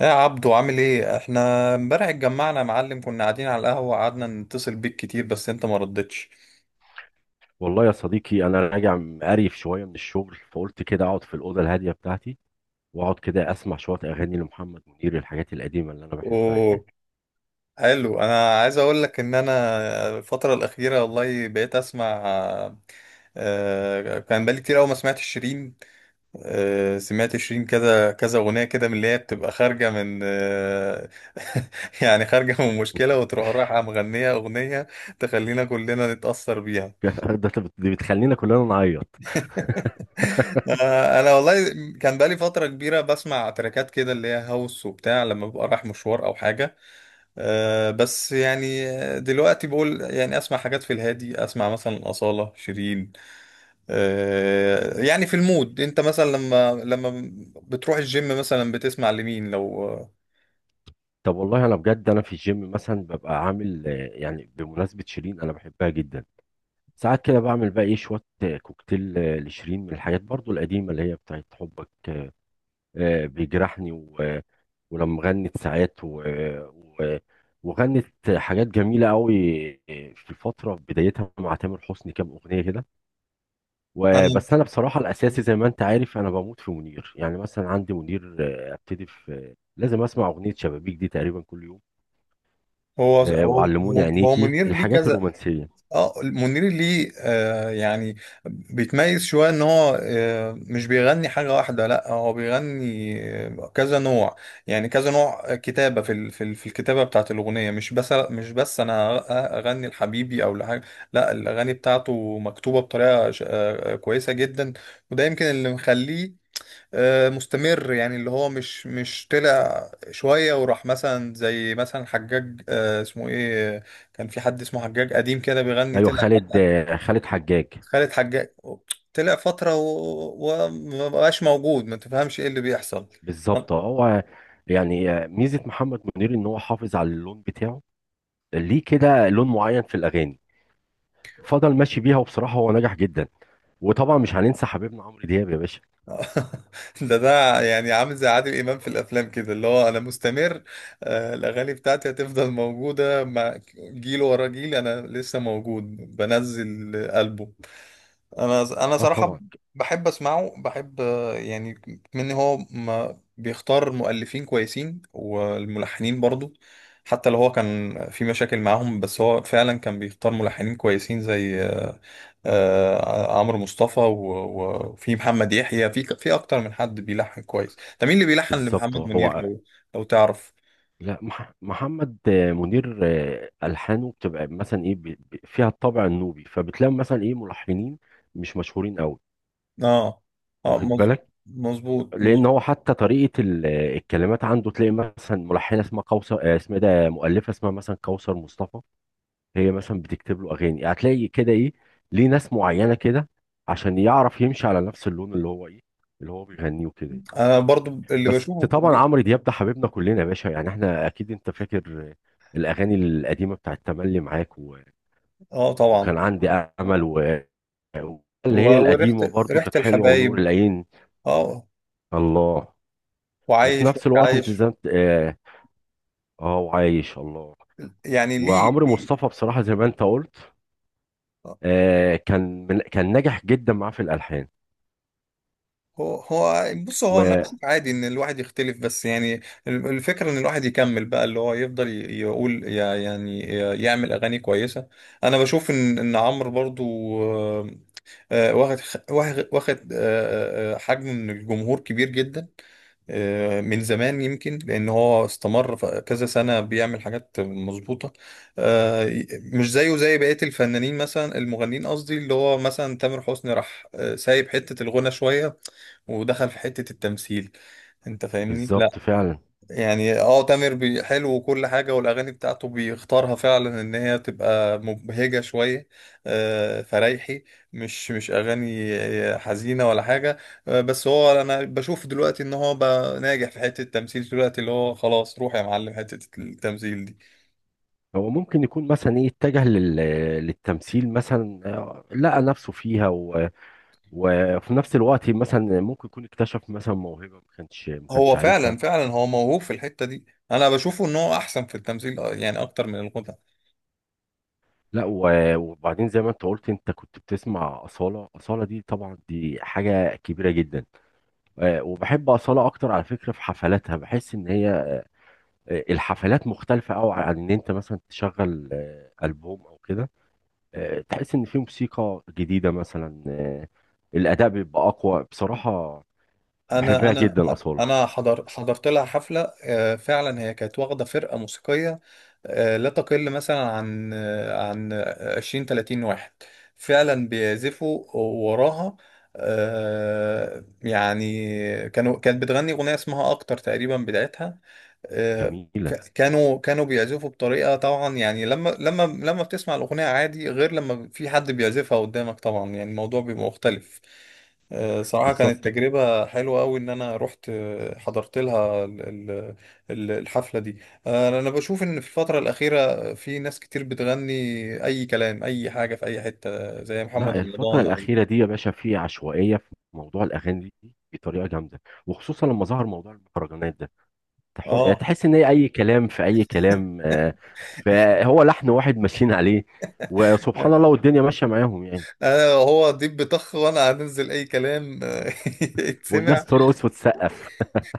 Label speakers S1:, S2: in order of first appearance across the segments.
S1: يا عبدو، عامل ايه؟ احنا امبارح اتجمعنا يا معلم، كنا قاعدين على القهوة، قعدنا نتصل بيك كتير بس انت ما ردتش.
S2: والله يا صديقي، انا راجع مقريف شويه من الشغل، فقلت كده اقعد في الاوضه الهاديه بتاعتي واقعد كده اسمع شويه اغاني لمحمد منير، الحاجات القديمه اللي انا بحبها يعني.
S1: اوه، حلو. انا عايز اقول لك ان انا الفترة الأخيرة والله بقيت اسمع. كان بقالي كتير قوي ما سمعت شيرين. سمعت شيرين كذا كذا أغنية كده من اللي هي بتبقى خارجة من يعني خارجة من مشكلة وتروح رايحة مغنية أغنية تخلينا كلنا نتأثر بيها.
S2: دي بتخلينا كلنا نعيط.
S1: انا والله كان بقالي فتره كبيره بسمع تراكات كده اللي هي هاوس وبتاع لما ببقى رايح مشوار او حاجه. أه بس يعني دلوقتي بقول يعني اسمع حاجات في الهادي، اسمع مثلا اصاله، شيرين. أه يعني في المود. انت مثلا لما بتروح الجيم مثلا بتسمع لمين لو
S2: طب والله انا بجد، انا في الجيم مثلا ببقى عامل، يعني بمناسبه شيرين انا بحبها جدا. ساعات كده بعمل بقى ايه شويه كوكتيل لشيرين، من الحاجات برضو القديمه اللي هي بتاعت حبك. بيجرحني، ولما غنت ساعات و... وغنت حاجات جميلة قوي في الفترة، في بدايتها مع تامر حسني كام أغنية كده.
S1: انا.
S2: وبس أنا بصراحة الأساسي زي ما أنت عارف أنا بموت في منير، يعني مثلا عندي منير، أبتدي لازم أسمع أغنية شبابيك دي تقريبا كل يوم.
S1: هو هو
S2: وعلموني
S1: هو هو
S2: عينيكي،
S1: منير ليه
S2: الحاجات
S1: كذا؟
S2: الرومانسية.
S1: اه، منير ليه آه يعني بيتميز شويه ان هو آه مش بيغني حاجه واحده، لا هو بيغني كذا نوع. يعني كذا نوع كتابه في الكتابه بتاعت الاغنيه، مش بس انا اغني لحبيبي او لحاجه، لا الاغاني بتاعته مكتوبه بطريقه كويسه جدا. وده يمكن اللي مخليه مستمر، يعني اللي هو مش طلع شوية وراح، مثلا زي مثلا حجاج اسمه ايه كان في حد اسمه حجاج قديم كده بيغني،
S2: أيوة،
S1: طلع
S2: خالد حجاج.
S1: خالد حجاج. طلع فترة ومبقاش موجود، ما تفهمش ايه اللي بيحصل. أنا-
S2: بالظبط هو. يعني ميزة محمد منير إن هو حافظ على اللون بتاعه، ليه كده لون معين في الأغاني، فضل ماشي بيها، وبصراحه هو نجح جدا. وطبعا مش هننسى حبيبنا عمرو دياب يا باشا.
S1: ده يعني عامل زي عادل امام في الافلام كده، اللي هو انا مستمر، الاغاني بتاعتي هتفضل موجودة مع جيل ورا جيل، انا لسه موجود، بنزل البوم. انا
S2: اه
S1: صراحه
S2: طبعا.
S1: بحب اسمعه، بحب يعني من هو ما بيختار مؤلفين كويسين والملحنين برضو. حتى لو هو كان في مشاكل معاهم، بس هو فعلا كان بيختار ملحنين كويسين زي عمرو مصطفى وفي محمد يحيى. في اكتر من حد بيلحن كويس. ده مين اللي بيلحن
S2: بالظبط
S1: لمحمد منير
S2: هو.
S1: لو لو تعرف؟
S2: لا، محمد منير، الحانه بتبقى مثلا ايه فيها الطابع النوبي، فبتلاقي مثلا ايه ملحنين مش مشهورين قوي،
S1: اه، اه
S2: واخد
S1: مظبوط
S2: بالك،
S1: مظبوط
S2: لان
S1: مظبوط.
S2: هو حتى طريقه ال... آه، الكلمات عنده، تلاقي مثلا ملحنه اسمها قوثر، اسمها إيه ده، مؤلفه اسمها مثلا كوثر مصطفى، هي مثلا بتكتب له اغاني. هتلاقي كده ايه، ليه ناس معينه كده، عشان يعرف يمشي على نفس اللون اللي هو ايه، اللي هو بيغنيه وكده يعني.
S1: انا برضو اللي
S2: بس
S1: بشوفه
S2: طبعا
S1: بي-
S2: عمرو دياب ده حبيبنا كلنا يا باشا. يعني احنا اكيد انت فاكر الاغاني القديمه بتاعت تملي معاك،
S1: اه طبعا.
S2: وكان عندي امل، اللي هي
S1: وريحة،
S2: القديمه برضو
S1: ريحة
S2: كانت حلوه، ونور
S1: الحبايب.
S2: العين،
S1: اه.
S2: الله. وفي
S1: وعايش
S2: نفس الوقت انت زي
S1: عايش
S2: ما اه، وعايش، الله.
S1: يعني ليه
S2: وعمرو مصطفى
S1: ليه
S2: بصراحه زي ما انت قلت،
S1: آه،
S2: كان ناجح جدا معاه في الالحان.
S1: هو بص، هو انا بشوف عادي ان الواحد يختلف، بس يعني الفكره ان الواحد يكمل بقى، اللي هو يفضل يعني يعمل اغاني كويسه. انا بشوف ان عمرو برضو آه، واخد حجم من الجمهور كبير جدا من زمان. يمكن لان هو استمر كذا سنه بيعمل حاجات مظبوطه، مش زيه زي بقيه الفنانين، مثلا المغنيين قصدي، اللي هو مثلا تامر حسني راح سايب حته الغنى شويه ودخل في حته التمثيل. انت فاهمني؟
S2: بالظبط فعلا.
S1: يعني اه تامر حلو وكل حاجة، والأغاني بتاعته بيختارها فعلا إن هي تبقى مبهجة شوية فرايحي، مش أغاني حزينة ولا حاجة. بس هو أنا بشوف دلوقتي إن هو بقى ناجح في حتة التمثيل دلوقتي، اللي هو خلاص روح يا معلم حتة التمثيل دي.
S2: هو ممكن يكون مثلا ايه اتجه للتمثيل مثلا، لقى نفسه فيها، وفي نفس الوقت مثلا ممكن يكون اكتشف مثلا موهبة ما كانش
S1: هو
S2: عارفها.
S1: فعلا فعلا هو موهوب في الحتة دي. أنا بشوفه إن هو أحسن في التمثيل يعني أكتر من الغنى.
S2: لا و... وبعدين زي ما انت قلت، انت كنت بتسمع أصالة. أصالة دي طبعا دي حاجة كبيرة جدا. وبحب أصالة أكتر على فكرة، في حفلاتها بحس إن هي الحفلات مختلفة أوي عن إن أنت مثلا تشغل ألبوم أو كده. تحس ان في موسيقى جديده مثلا، الاداء بيبقى اقوى بصراحه.
S1: انا
S2: بحبها
S1: انا
S2: جدا اصاله،
S1: انا حضرت لها حفله فعلا. هي كانت واخده فرقه موسيقيه لا تقل مثلا عن عن 20 30 واحد فعلا بيعزفوا وراها. يعني كانت بتغني اغنيه اسمها اكتر تقريبا بتاعتها. آه،
S2: جميله.
S1: كانوا بيعزفوا بطريقة، طبعا يعني لما بتسمع الأغنية عادي غير لما في حد بيعزفها قدامك طبعا، يعني الموضوع بيبقى مختلف. صراحة كانت
S2: بالظبط.
S1: تجربة حلوة أوي إن أنا رحت حضرت لها ال- الحفلة دي. أنا بشوف إن في الفترة الأخيرة في ناس كتير بتغني أي كلام، أي حاجة، في أي حتة، زي محمد
S2: لا، الفتره
S1: رمضان. أو
S2: الاخيره دي يا باشا في عشوائيه في موضوع الاغاني دي بطريقه جامده، وخصوصا لما ظهر موضوع المهرجانات ده.
S1: آه
S2: تحس ان هي اي كلام في اي كلام، فهو لحن واحد ماشيين عليه، وسبحان الله، والدنيا ماشيه معاهم يعني.
S1: أنا هو ديب بطخ وأنا هنزل أي كلام
S2: والناس
S1: يتسمع.
S2: ترقص وتسقف.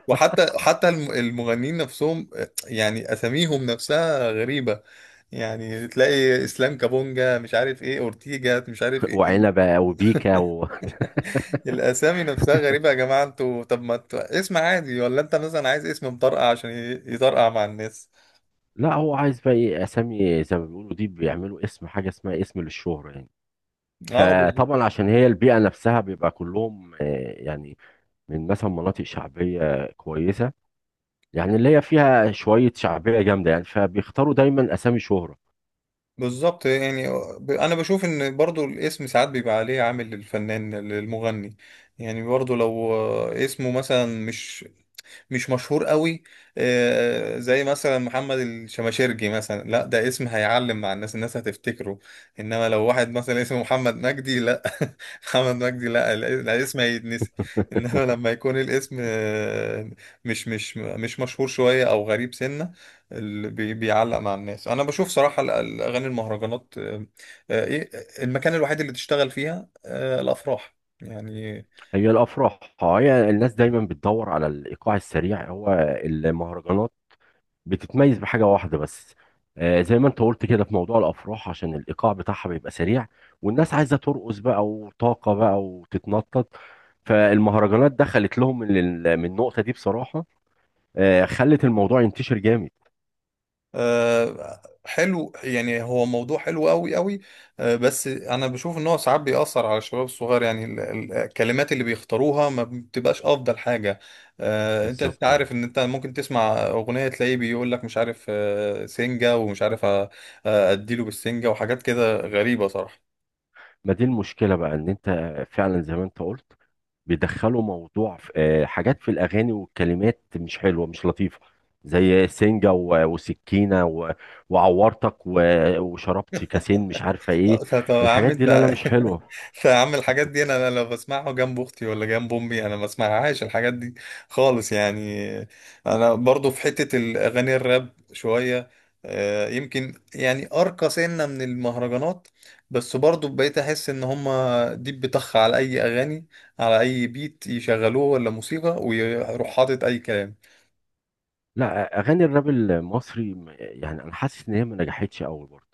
S1: وحتى حتى المغنيين نفسهم، يعني اساميهم نفسها غريبة. يعني تلاقي اسلام كابونجا مش عارف ايه، اورتيجا مش عارف ايه،
S2: وعنبه وبيكا.
S1: الاسامي نفسها غريبة يا جماعة. انتوا طب ما ت- اسم عادي ولا انت مثلا عايز اسم مطرقع عشان يطرقع مع الناس.
S2: لا هو عايز بقى ايه اسامي زي ما بيقولوا، دي بيعملوا اسم حاجه اسمها اسم للشهره يعني.
S1: اه بالظبط.
S2: فطبعا عشان هي البيئه نفسها، بيبقى كلهم يعني من مثلا مناطق شعبيه كويسه، يعني اللي هي فيها شويه شعبيه جامده يعني، فبيختاروا دايما اسامي شهره.
S1: بالظبط يعني انا بشوف ان برضو الاسم ساعات بيبقى عليه عامل للفنان للمغني. يعني برضو لو اسمه مثلا مش مشهور قوي زي مثلا محمد الشماشرجي مثلا، لا ده اسم هيعلم مع الناس، الناس هتفتكره. انما لو واحد مثلا اسمه محمد مجدي، لا محمد مجدي لا، الاسم هيتنسي. انما لما يكون الاسم مش مشهور شوية او غريب سنة بيعلق مع الناس. انا بشوف صراحة الاغاني المهرجانات ايه المكان الوحيد اللي تشتغل فيها الافراح يعني.
S2: هي الافراح آه، هي الناس دايما بتدور على الايقاع السريع. هو المهرجانات بتتميز بحاجة واحدة بس، زي ما انت قلت كده، في موضوع الافراح عشان الايقاع بتاعها بيبقى سريع، والناس عايزة ترقص بقى وطاقة بقى وتتنطط. فالمهرجانات دخلت لهم من من النقطة دي بصراحة، خلت الموضوع ينتشر جامد.
S1: حلو، يعني هو موضوع حلو قوي قوي. بس انا بشوف ان هو ساعات بيأثر على الشباب الصغير، يعني الكلمات اللي بيختاروها ما بتبقاش افضل حاجة. انت
S2: بالظبط،
S1: عارف ان انت ممكن تسمع اغنية تلاقيه بيقول لك مش عارف سنجة، ومش عارف اديله بالسنجة وحاجات كده غريبة صراحة.
S2: ما دي المشكلة بقى، ان انت فعلا زي ما انت قلت بيدخلوا موضوع في حاجات في الاغاني، والكلمات مش حلوة مش لطيفة، زي سنجة وسكينة وعورتك وشربت كاسين مش عارفة ايه.
S1: طب يا عم
S2: الحاجات دي
S1: انت
S2: لا لا مش حلوة.
S1: يا عم الحاجات دي انا لو بسمعها جنب اختي ولا جنب امي انا ما بسمعهاش الحاجات دي خالص يعني. انا برضو في حتة الاغاني الراب شوية يمكن يعني ارقى سنة من المهرجانات. بس برضو بقيت احس ان هما دي بتخ على اي اغاني، على اي بيت يشغلوه ولا موسيقى، ويروح حاطط اي كلام.
S2: لا، اغاني الراب المصري يعني انا حاسس ان هي ما نجحتش قوي برضه.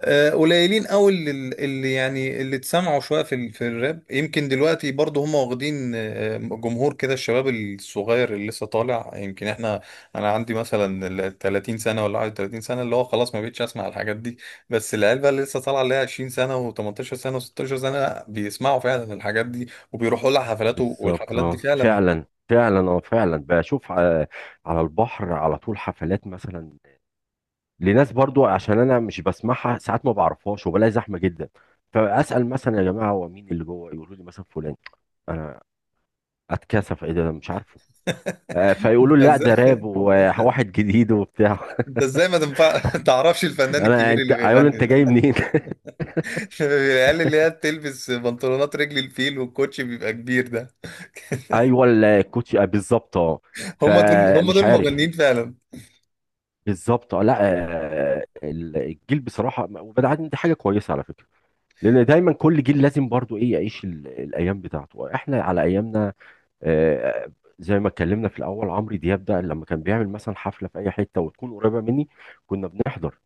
S1: قليلين قوي اللي اللي يعني اللي اتسمعوا شويه في في الراب. يمكن دلوقتي برضه هم واخدين جمهور كده، الشباب الصغير اللي لسه طالع. يمكن احنا انا عندي مثلا ال 30 سنه ولا 31 سنه، اللي هو خلاص ما بقتش اسمع الحاجات دي، بس العيال بقى اللي لسه طالعه، اللي هي 20 سنه و18 سنه و16 سنه، بيسمعوا فعلا الحاجات دي وبيروحوا لها حفلات
S2: بالظبط،
S1: والحفلات دي
S2: اه
S1: فعلا.
S2: فعلا فعلا، اه فعلا بشوف، على البحر على طول حفلات مثلا لناس، برضو عشان انا مش بسمعها ساعات ما بعرفهاش، وبلاقي زحمه جدا، فاسال مثلا يا جماعه هو مين اللي جوه، يقولوا لي مثلا فلان. انا اتكسف، ايه ده، أنا مش عارفه. فيقولوا
S1: انت
S2: لي لا ده راب،
S1: ازاي، انت
S2: وواحد جديد وبتاع.
S1: إنت ازاي ما تنفع تعرفش الفنان الكبير اللي
S2: انت هيقول انت
S1: بيغني؟
S2: جاي منين.
S1: العيال اللي هي بتلبس بنطلونات رجل الفيل والكوتش بيبقى كبير ده،
S2: ايوه الكوتش، بالظبط اه.
S1: هم دول هم
S2: فمش
S1: دول
S2: عارف.
S1: مغنيين فعلا.
S2: بالظبط لا. الجيل بصراحه، وبعدين عادي، دي حاجه كويسه على فكره، لان دايما كل جيل لازم برضو ايه يعيش الايام بتاعته. احنا على ايامنا، آه، زي ما اتكلمنا في الاول، عمرو دياب ده لما كان بيعمل مثلا حفله في اي حته وتكون قريبه مني كنا بنحضر،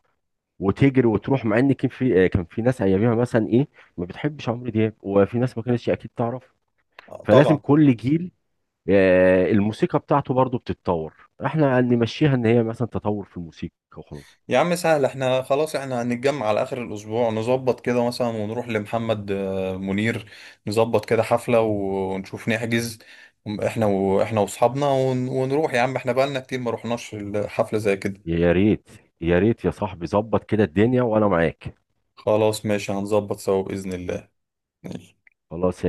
S2: وتجري وتروح. مع ان كان في كان في ناس اياميها مثلا ايه ما بتحبش عمرو دياب، وفي ناس ما كانتش اكيد تعرف. فلازم
S1: طبعا.
S2: كل جيل الموسيقى بتاعته برضو بتتطور، احنا نمشيها ان هي مثلا تطور في الموسيقى وخلاص.
S1: يا عم سهل، احنا خلاص احنا هنتجمع على اخر الاسبوع، نظبط كده مثلا ونروح لمحمد منير. نظبط كده حفلة ونشوف نحجز. احنا واصحابنا ونروح يا عم، احنا بقالنا كتير ما رحناش حفلة زي كده.
S2: يا ريت، يا ريت يا صاحبي، ظبط كده الدنيا وانا معاك.
S1: خلاص ماشي، هنظبط سوا بإذن الله. ماشي.
S2: خلاص.